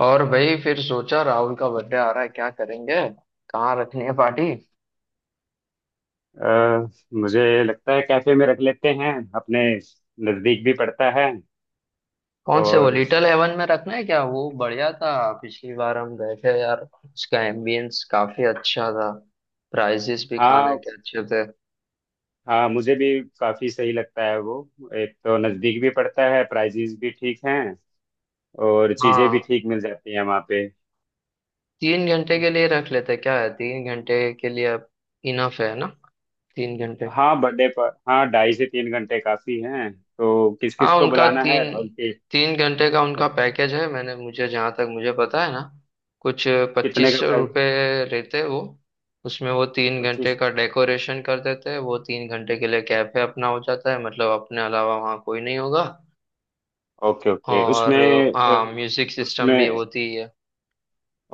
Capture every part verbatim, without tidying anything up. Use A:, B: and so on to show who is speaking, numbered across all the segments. A: और भाई फिर सोचा, राहुल का बर्थडे आ रहा है, क्या करेंगे। कहाँ रखनी है पार्टी?
B: अ, मुझे लगता है कैफे में रख लेते हैं अपने। नज़दीक भी पड़ता है।
A: कौन से, वो
B: और
A: लिटिल हेवन में रखना है क्या? वो बढ़िया था, पिछली बार हम गए थे यार। उसका एम्बियंस काफी अच्छा था, प्राइजेस भी खाने
B: हाँ,
A: के अच्छे थे।
B: हाँ, मुझे भी काफ़ी सही लगता है वो। एक तो नज़दीक भी पड़ता है, प्राइजेस भी ठीक हैं और चीज़ें भी
A: हाँ,
B: ठीक मिल जाती हैं वहाँ पे।
A: तीन घंटे के लिए रख लेते क्या है, तीन घंटे के लिए। इनफ है ना, तीन घंटे?
B: हाँ, बर्थडे पर। हाँ, ढाई से तीन घंटे काफ़ी हैं। तो किस
A: हाँ,
B: किस को
A: उनका
B: बुलाना
A: तीन
B: है राहुल के?
A: तीन घंटे का उनका पैकेज है, मैंने मुझे, जहाँ तक मुझे पता है ना, कुछ
B: कितने
A: पच्चीस
B: का
A: सौ
B: प्राइस?
A: रुपये रहते हैं वो। उसमें वो तीन घंटे
B: पच्चीस।
A: का डेकोरेशन कर देते हैं, वो तीन घंटे के लिए कैफे अपना हो जाता है, मतलब अपने अलावा वहाँ कोई नहीं होगा।
B: ओके, ओके,
A: और
B: उसमें।
A: हाँ,
B: अ,
A: म्यूजिक सिस्टम भी
B: उसमें
A: होती है।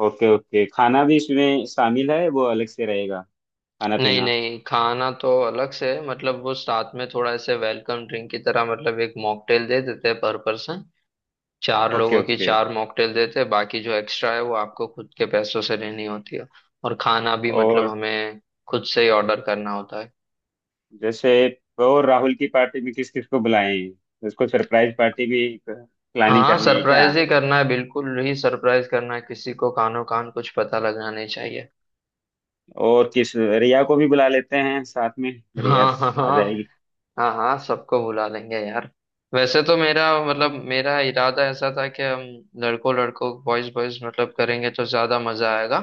B: ओके, ओके, खाना भी इसमें शामिल है, वो अलग से रहेगा? खाना
A: नहीं
B: पीना?
A: नहीं, खाना तो अलग से है, मतलब वो साथ में थोड़ा ऐसे वेलकम ड्रिंक की तरह, मतलब एक मॉकटेल दे देते हैं पर पर्सन। चार
B: ओके,
A: लोगों की
B: ओके।
A: चार मॉकटेल देते हैं, बाकी जो एक्स्ट्रा है वो आपको खुद के पैसों से लेनी होती है। और खाना भी मतलब
B: और
A: हमें खुद से ही ऑर्डर करना होता है।
B: जैसे। तो राहुल की पार्टी में किस किस को बुलाएं? उसको सरप्राइज पार्टी भी प्लानिंग
A: हाँ,
B: करनी है क्या?
A: सरप्राइज ही करना है, बिल्कुल ही सरप्राइज करना है, किसी को कानो कान कुछ पता लगना नहीं चाहिए।
B: और किस? रिया को भी बुला लेते हैं साथ में। रिया
A: हाँ हाँ
B: आ
A: हाँ।
B: जाएगी?
A: हाँ हाँ, सबको बुला लेंगे यार। वैसे तो मेरा मतलब, मेरा इरादा ऐसा था कि हम लड़कों लड़कों, बॉयज बॉयज मतलब करेंगे तो ज्यादा मजा आएगा।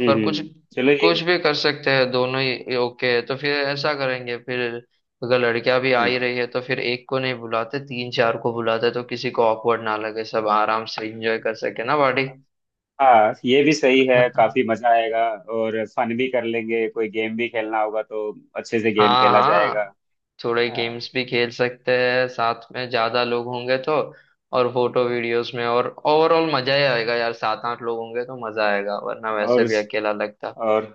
B: हम्म,
A: पर कुछ
B: हम्म, चलो ये।
A: कुछ भी कर सकते हैं, दोनों ही ओके है, तो फिर ऐसा करेंगे फिर, अगर लड़कियां भी आ ही
B: हम्म।
A: रही है तो फिर एक को नहीं बुलाते, तीन चार को बुलाते, तो किसी को ऑकवर्ड ना लगे, सब आराम से एंजॉय कर सके ना बॉडी।
B: हाँ, ये भी सही है, काफी मजा आएगा। और फन भी कर लेंगे, कोई गेम भी खेलना होगा तो अच्छे से गेम
A: हाँ
B: खेला जाएगा।
A: हाँ, थोड़े
B: हाँ।
A: गेम्स भी खेल सकते हैं साथ में, ज्यादा लोग होंगे तो। और फोटो वीडियोस में, और ओवरऑल मजा ही आएगा यार, सात आठ लोग होंगे तो मजा आएगा, वरना वैसे
B: और।
A: भी अकेला लगता।
B: और।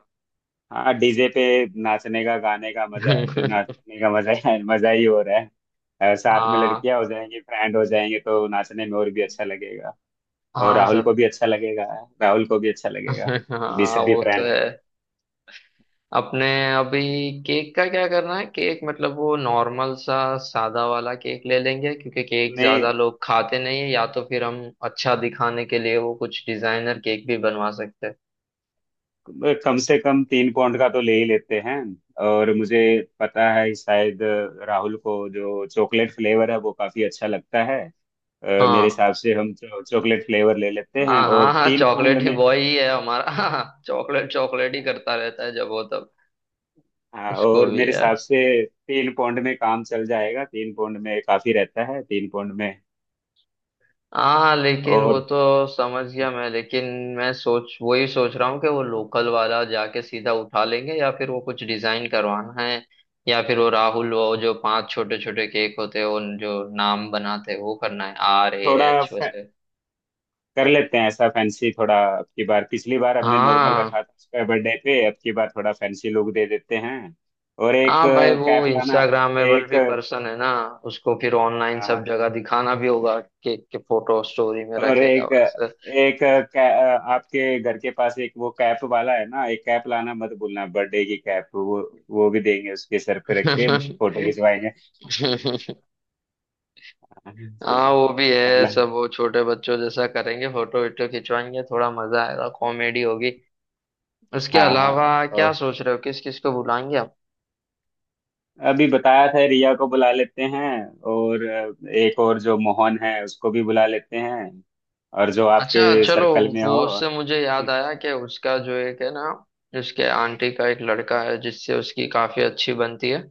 B: हाँ, डीजे पे नाचने का, गाने का मजा। नाचने का मजा ही मजा ही हो रहा है। अ, साथ में
A: हाँ
B: लड़कियां हो जाएंगी, फ्रेंड हो जाएंगे तो नाचने में और भी अच्छा लगेगा। और
A: हाँ
B: राहुल
A: सब।
B: को भी अच्छा लगेगा। राहुल को भी अच्छा लगेगा भी,
A: हाँ
B: सभी
A: वो तो
B: फ्रेंड है।
A: है। अपने अभी केक का क्या करना है? केक मतलब वो नॉर्मल सा सादा वाला केक ले लेंगे, क्योंकि केक ज्यादा
B: नहीं,
A: लोग खाते नहीं है, या तो फिर हम अच्छा दिखाने के लिए वो कुछ डिजाइनर केक भी बनवा सकते हैं।
B: कम से कम तीन पौंड का तो ले ही लेते हैं। और मुझे पता है कि शायद राहुल को जो चॉकलेट फ्लेवर है वो काफी अच्छा लगता है। अ, मेरे
A: हाँ
B: हिसाब से हम चॉकलेट फ्लेवर ले लेते हैं
A: हाँ हाँ
B: और
A: हाँ,
B: तीन पाउंड
A: चॉकलेट ही
B: में।
A: बॉय ही है हमारा। चॉकलेट चॉकलेट ही करता रहता है जब वो तब।
B: हाँ।
A: उसको
B: और
A: भी
B: मेरे हिसाब
A: यार,
B: से तीन पौंड में काम चल जाएगा, तीन पौंड में काफी रहता है, तीन पौंड में।
A: हाँ लेकिन वो
B: और
A: तो समझ गया मैं, लेकिन मैं सोच वही सोच रहा हूँ कि वो लोकल वाला जाके सीधा उठा लेंगे, या फिर वो कुछ डिजाइन करवाना है, या फिर वो राहुल, वो जो पांच छोटे छोटे केक होते हैं उन जो नाम बनाते हैं वो करना है, आर ए
B: थोड़ा
A: एच
B: फै-
A: वैसे।
B: कर लेते हैं ऐसा, फैंसी थोड़ा। अब की बार, पिछली बार हमने नॉर्मल
A: हाँ
B: रखा था उसका बर्थडे पे, अब की बार थोड़ा फैंसी लुक दे देते हैं। और एक
A: हाँ, भाई वो
B: कैप लाना।
A: इंस्टाग्रामेबल
B: एक
A: भी पर्सन है ना, उसको फिर ऑनलाइन
B: हाँ,
A: सब जगह दिखाना भी होगा, केक के फोटो स्टोरी में
B: और
A: रखेगा।
B: एक एक कै, आपके घर के पास एक वो कैप वाला है ना, एक कैप लाना मत भूलना, बर्थडे की कैप। वो वो भी देंगे, उसके सर पे रख के फोटो
A: वैसे
B: खिंचवाएंगे। हाँ, ठीक
A: हाँ वो
B: है।
A: भी
B: है
A: है,
B: ना?
A: सब वो छोटे बच्चों जैसा करेंगे, फोटो वीटो खिंचवाएंगे, थोड़ा मजा आएगा, कॉमेडी होगी। उसके
B: हाँ, हाँ,
A: अलावा
B: हाँ।
A: क्या सोच रहे हो, किस किस को बुलाएंगे?
B: अभी बताया था, रिया को बुला लेते हैं। और अ, एक और जो मोहन है उसको भी बुला लेते हैं। और जो
A: अच्छा
B: आपके
A: चलो,
B: सर्कल में
A: वो
B: हो।
A: उससे मुझे
B: हम्म।
A: याद आया कि उसका जो एक है ना, उसके आंटी का एक लड़का है जिससे उसकी काफी अच्छी बनती है,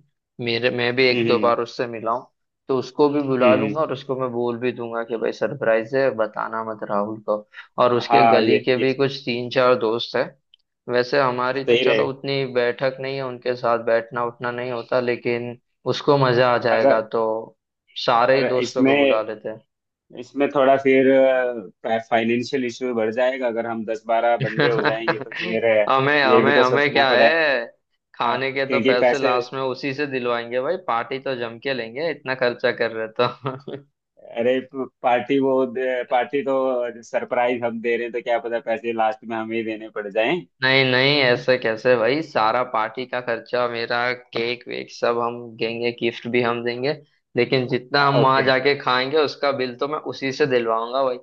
A: मेरे मैं भी एक दो
B: हम्म।
A: बार उससे मिला हूँ। तो उसको भी बुला लूंगा,
B: हम्म।
A: और उसको मैं बोल भी दूंगा कि भाई सरप्राइज है, बताना मत राहुल को। और उसके
B: हाँ,
A: गली
B: ये
A: के
B: ये
A: भी कुछ तीन चार दोस्त है, वैसे हमारी तो
B: सही
A: चलो
B: रहे।
A: उतनी बैठक नहीं है, उनके साथ बैठना उठना नहीं होता, लेकिन उसको मजा आ जाएगा,
B: अगर।
A: तो सारे ही
B: पर
A: दोस्तों को बुला
B: इसमें,
A: लेते हैं।
B: इसमें थोड़ा फिर फाइनेंशियल इशू बढ़ जाएगा, अगर हम दस बारह बंदे हो जाएंगे तो फिर अ,
A: हमें
B: ये भी
A: हमें
B: तो
A: हमें
B: सोचना
A: क्या
B: पड़े।
A: है,
B: अ,
A: खाने के तो
B: क्योंकि
A: पैसे
B: पैसे।
A: लास्ट में उसी से दिलवाएंगे भाई, पार्टी तो जम के लेंगे, इतना खर्चा कर रहे तो।
B: अरे, प- पार्टी वो दे- पार्टी तो सरप्राइज हम दे रहे हैं, तो क्या पता पैसे लास्ट में हमें ही देने पड़ जाएं।
A: नहीं नहीं, ऐसे कैसे भाई? सारा पार्टी का खर्चा मेरा, केक वेक सब हम देंगे, गिफ्ट भी हम देंगे, लेकिन जितना
B: हाँ,
A: हम वहां
B: ओके।
A: जाके खाएंगे उसका बिल तो मैं उसी से दिलवाऊंगा भाई,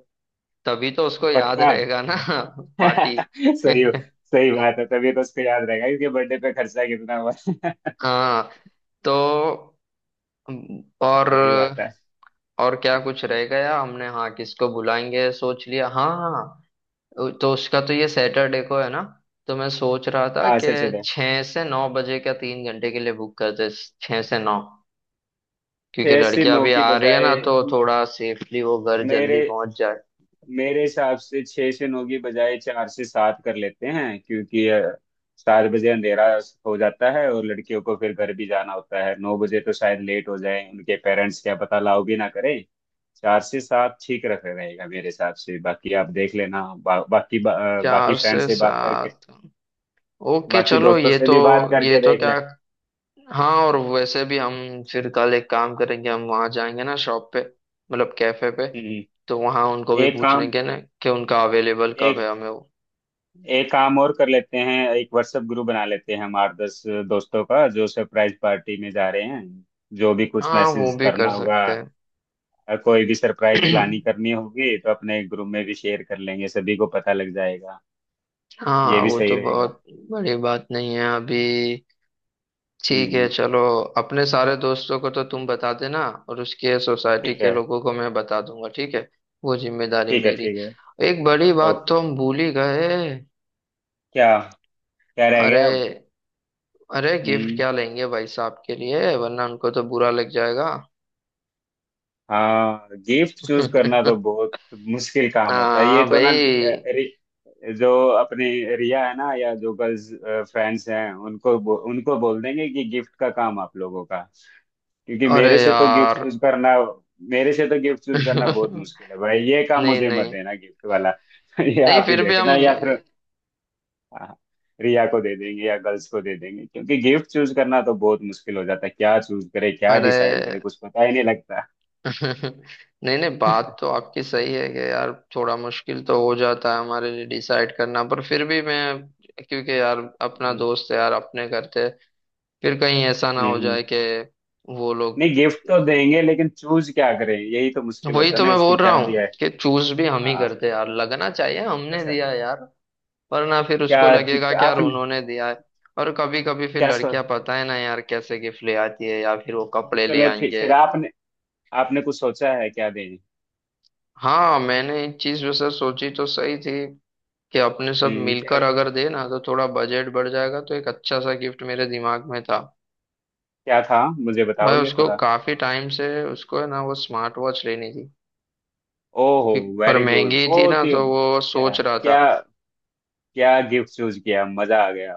A: तभी तो उसको याद
B: पक्का।
A: रहेगा ना। पार्टी।
B: सही। सही बात है, तभी तो उसको याद रहेगा इसके बर्थडे पे खर्चा कितना हुआ।
A: हाँ तो, और
B: सही बात है।
A: और क्या कुछ रहेगा, या हमने, हाँ किसको बुलाएंगे सोच लिया। हाँ हाँ, तो उसका तो ये सैटरडे को है ना, तो मैं सोच रहा था
B: हाँ, से
A: कि
B: चले।
A: छः से नौ बजे का तीन घंटे के लिए बुक करते, छः से नौ, क्योंकि
B: छह से
A: लड़कियां
B: नौ
A: अभी
B: की
A: आ रही है
B: बजाय।
A: ना तो थोड़ा सेफली वो घर
B: मेरे
A: जल्दी पहुंच जाए।
B: मेरे हिसाब से छह से नौ की बजाय चार से सात कर लेते हैं, क्योंकि अ, सात बजे अंधेरा हो जाता है और लड़कियों को फिर घर भी जाना होता है। नौ बजे तो शायद लेट हो जाए, उनके पेरेंट्स क्या पता लाओ भी ना करें। चार से सात ठीक रख रहेगा मेरे हिसाब से, बाकी आप देख लेना। बा, बाकी बा, अ, बाकी
A: चार
B: फ्रेंड
A: से
B: से बात करके,
A: सात, ओके
B: बाकी
A: चलो।
B: दोस्तों
A: ये
B: से
A: तो
B: भी बात
A: ये
B: करके
A: तो
B: देख
A: क्या,
B: ले।
A: हाँ और वैसे भी हम फिर कल एक काम करेंगे, हम वहाँ जाएंगे ना शॉप पे, मतलब कैफे पे,
B: हम्म।
A: तो वहाँ उनको भी
B: एक
A: पूछ
B: काम।
A: लेंगे ना कि उनका अवेलेबल कब
B: एक
A: है हमें वो।
B: एक काम और कर लेते हैं, एक व्हाट्सएप ग्रुप बना लेते हैं हम आठ दस दोस्तों का, जो सरप्राइज पार्टी में जा रहे हैं। जो भी कुछ
A: हाँ वो
B: मैसेज
A: भी कर
B: करना होगा,
A: सकते
B: अ, कोई भी सरप्राइज
A: हैं।
B: प्लानिंग करनी होगी तो अपने ग्रुप में भी शेयर कर लेंगे, सभी को पता लग जाएगा। ये
A: हाँ
B: भी
A: वो
B: सही
A: तो
B: रहेगा।
A: बहुत बड़ी बात नहीं है अभी, ठीक है
B: हम्म।
A: चलो, अपने सारे दोस्तों को तो तुम बता देना, और उसके सोसाइटी
B: ठीक
A: के
B: है।
A: लोगों को मैं बता दूंगा, ठीक है, वो जिम्मेदारी
B: ठीक है,
A: मेरी।
B: ठीक है।
A: एक बड़ी बात
B: ओके।
A: तो हम भूल ही गए,
B: क्या? क्या रह
A: अरे
B: गया अब?
A: अरे गिफ्ट
B: हम्म।
A: क्या लेंगे भाई साहब के लिए, वरना उनको तो बुरा लग जाएगा।
B: हाँ, गिफ्ट चूज करना तो बहुत मुश्किल काम होता है
A: हाँ
B: ये तो ना। लड़-
A: भाई।
B: रि, जो अपने रिया है ना, या जो गर्ल्स फ्रेंड्स हैं उनको बो, उनको बोल देंगे कि गिफ्ट का काम आप लोगों का। क्योंकि
A: अरे
B: मेरे से तो गिफ्ट
A: यार।
B: चूज करना, मेरे से तो गिफ्ट चूज करना बहुत
A: नहीं
B: मुश्किल है भाई, ये काम मुझे मत
A: नहीं,
B: देना, गिफ्ट वाला। ये
A: नहीं
B: आप ही
A: फिर भी हम।
B: देखना, या फिर हाँ, रिया को दे देंगे या गर्ल्स को दे देंगे क्योंकि गिफ्ट चूज करना तो बहुत मुश्किल हो जाता है। क्या चूज करे, क्या
A: अरे
B: डिसाइड करे, कुछ पता ही नहीं लगता।
A: नहीं नहीं, बात तो आपकी सही है कि यार, थोड़ा मुश्किल तो हो जाता है हमारे लिए डिसाइड करना, पर फिर भी मैं, क्योंकि यार अपना दोस्त है यार, अपने करते, फिर कहीं ऐसा ना हो
B: हम्म।
A: जाए कि वो लोग,
B: नहीं, गिफ्ट तो देंगे, लेकिन चूज क्या करें, यही तो मुश्किल
A: वही
B: होता है
A: तो
B: ना,
A: मैं
B: इसको
A: बोल रहा
B: क्या
A: हूँ
B: दिया है।
A: कि चूज भी हम ही
B: हाँ,
A: करते यार, लगना चाहिए हमने
B: अच्छा।
A: दिया यार, वरना फिर
B: क्या?
A: उसको लगेगा
B: जूता-
A: कि यार
B: आपने?
A: उन्होंने दिया है। और कभी कभी फिर
B: क्या सो।
A: लड़कियां पता है ना यार कैसे गिफ्ट ले आती है, या फिर वो कपड़े ले
B: चलो, ठीक।
A: आएंगे।
B: फिर आपने, आपने कुछ सोचा है क्या दें?
A: हाँ, मैंने इस चीज वैसे सोची तो सही थी कि अपने सब
B: हम्म, क्या?
A: मिलकर अगर दे ना तो थोड़ा बजट बढ़ जाएगा, तो एक अच्छा सा गिफ्ट मेरे दिमाग में था।
B: क्या था, मुझे
A: भाई
B: बताओगे
A: उसको
B: थोड़ा?
A: काफी टाइम से, उसको है ना वो स्मार्ट वॉच लेनी थी
B: ओहो,
A: कि, पर
B: वेरी गुड,
A: महंगी थी ना
B: बहुत ही
A: तो वो
B: क्या।
A: सोच रहा था।
B: क्या? क्या गिफ्ट चूज किया, मजा आ गया।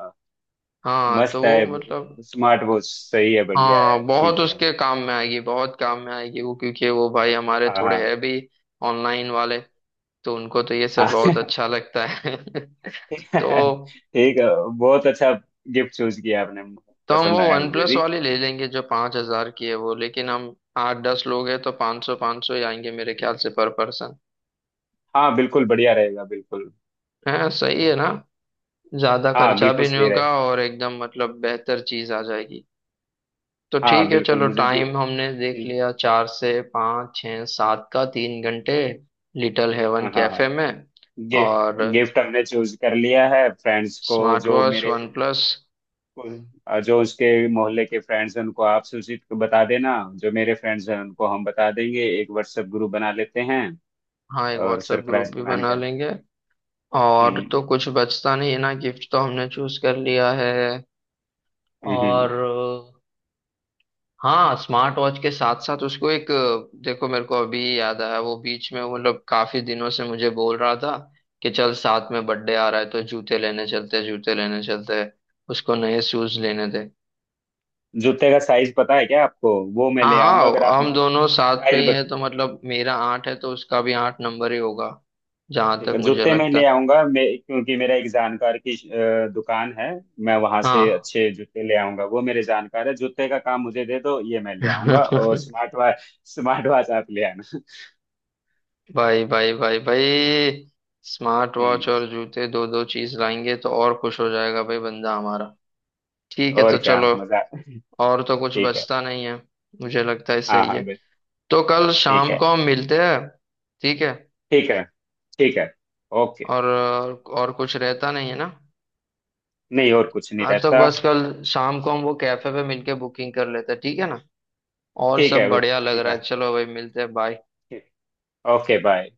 A: हाँ तो
B: मस्त है।
A: वो मतलब,
B: स्मार्ट वॉच सही है, बढ़िया
A: हाँ
B: है,
A: बहुत
B: ठीक है।
A: उसके काम में आएगी, बहुत काम में आएगी वो, क्योंकि वो भाई हमारे
B: हाँ,
A: थोड़े
B: हाँ,
A: है भी ऑनलाइन वाले, तो उनको तो ये
B: हाँ।
A: सब बहुत अच्छा लगता है। तो
B: ठीक है। बहुत अच्छा गिफ्ट चूज किया आपने।
A: तो हम वो
B: पसंद आया
A: वन
B: मुझे
A: प्लस
B: भी।
A: वाली ले लेंगे जो पाँच हजार की है वो, लेकिन हम आठ दस लोग हैं तो पाँच सौ पाँच सौ ही आएंगे मेरे ख्याल से पर पर्सन।
B: हाँ, बिल्कुल बढ़िया रहेगा, बिल्कुल।
A: है सही है
B: हम्म।
A: ना, ज्यादा
B: हाँ,
A: खर्चा
B: बिल्कुल
A: भी नहीं
B: सही रहे।
A: होगा, और एकदम मतलब बेहतर चीज आ जाएगी। तो
B: हाँ,
A: ठीक है
B: बिल्कुल
A: चलो,
B: मुझे भी।
A: टाइम हमने देख
B: हम्म।
A: लिया, चार से पाँच छः सात का तीन घंटे, लिटिल हेवन
B: हाँ, हाँ, हाँ।
A: कैफे में।
B: गे,
A: और
B: गिफ्ट हमने चूज कर लिया है। फ्रेंड्स को,
A: स्मार्ट
B: जो
A: वॉच
B: मेरे
A: वन प्लस।
B: जो उसके मोहल्ले के फ्रेंड्स हैं उनको आप सूचित बता देना। जो मेरे फ्रेंड्स हैं उनको हम बता देंगे, एक व्हाट्सएप ग्रुप बना लेते हैं,
A: हाँ एक
B: और
A: व्हाट्सएप ग्रुप
B: सरप्राइज
A: भी
B: प्लान
A: बना
B: करें।
A: लेंगे, और तो
B: हम्म।
A: कुछ बचता नहीं है ना, गिफ्ट तो हमने चूज कर लिया है।
B: हम्म,
A: और
B: हम्म।
A: हाँ, स्मार्ट वॉच के साथ साथ उसको एक अ, देखो मेरे को अभी याद आया, वो बीच में मतलब काफी दिनों से मुझे बोल रहा था कि चल साथ में बर्थडे आ रहा है तो जूते लेने चलते हैं, जूते लेने चलते हैं, उसको नए शूज लेने थे।
B: जूते का साइज पता है क्या आपको? वो मैं
A: हाँ
B: ले आऊंगा अगर आप
A: हाँ, हम
B: मुझे
A: दोनों साथ में
B: साइज।
A: ही है तो मतलब मेरा आठ है, तो उसका भी आठ नंबर ही होगा, जहां
B: ठीक
A: तक
B: है,
A: मुझे
B: जूते मैं
A: लगता
B: ले
A: है।
B: आऊंगा मैं, क्योंकि मेरा एक जानकार की अ, दुकान है। मैं वहां से
A: हाँ
B: अच्छे जूते ले आऊंगा, वो मेरे जानकार है। जूते का काम मुझे दे दो, ये मैं ले आऊंगा। और स्मार्ट वॉच। स्मार्ट वॉच आप ले आना।
A: भाई भाई भाई भाई, स्मार्ट
B: हम्म।
A: वॉच और जूते, दो दो चीज लाएंगे तो और खुश हो जाएगा भाई बंदा हमारा। ठीक है
B: और
A: तो
B: क्या
A: चलो,
B: मजा।
A: और तो कुछ
B: ठीक है।
A: बचता नहीं है, मुझे लगता है
B: हाँ,
A: सही
B: हाँ,
A: है।
B: बे-
A: तो कल
B: ठीक
A: शाम
B: है,
A: को हम मिलते हैं, ठीक है।
B: ठीक है, ठीक है। ओके।
A: और और कुछ रहता नहीं है ना,
B: नहीं, और कुछ नहीं
A: हाँ तो
B: रहता।
A: बस कल शाम को हम वो कैफे पे मिलके बुकिंग कर लेते हैं, ठीक है ना। और
B: ठीक है,
A: सब बढ़िया लग
B: ठीक
A: रहा
B: है।
A: है, चलो भाई मिलते हैं, बाय।
B: ठीक। Okay, bye.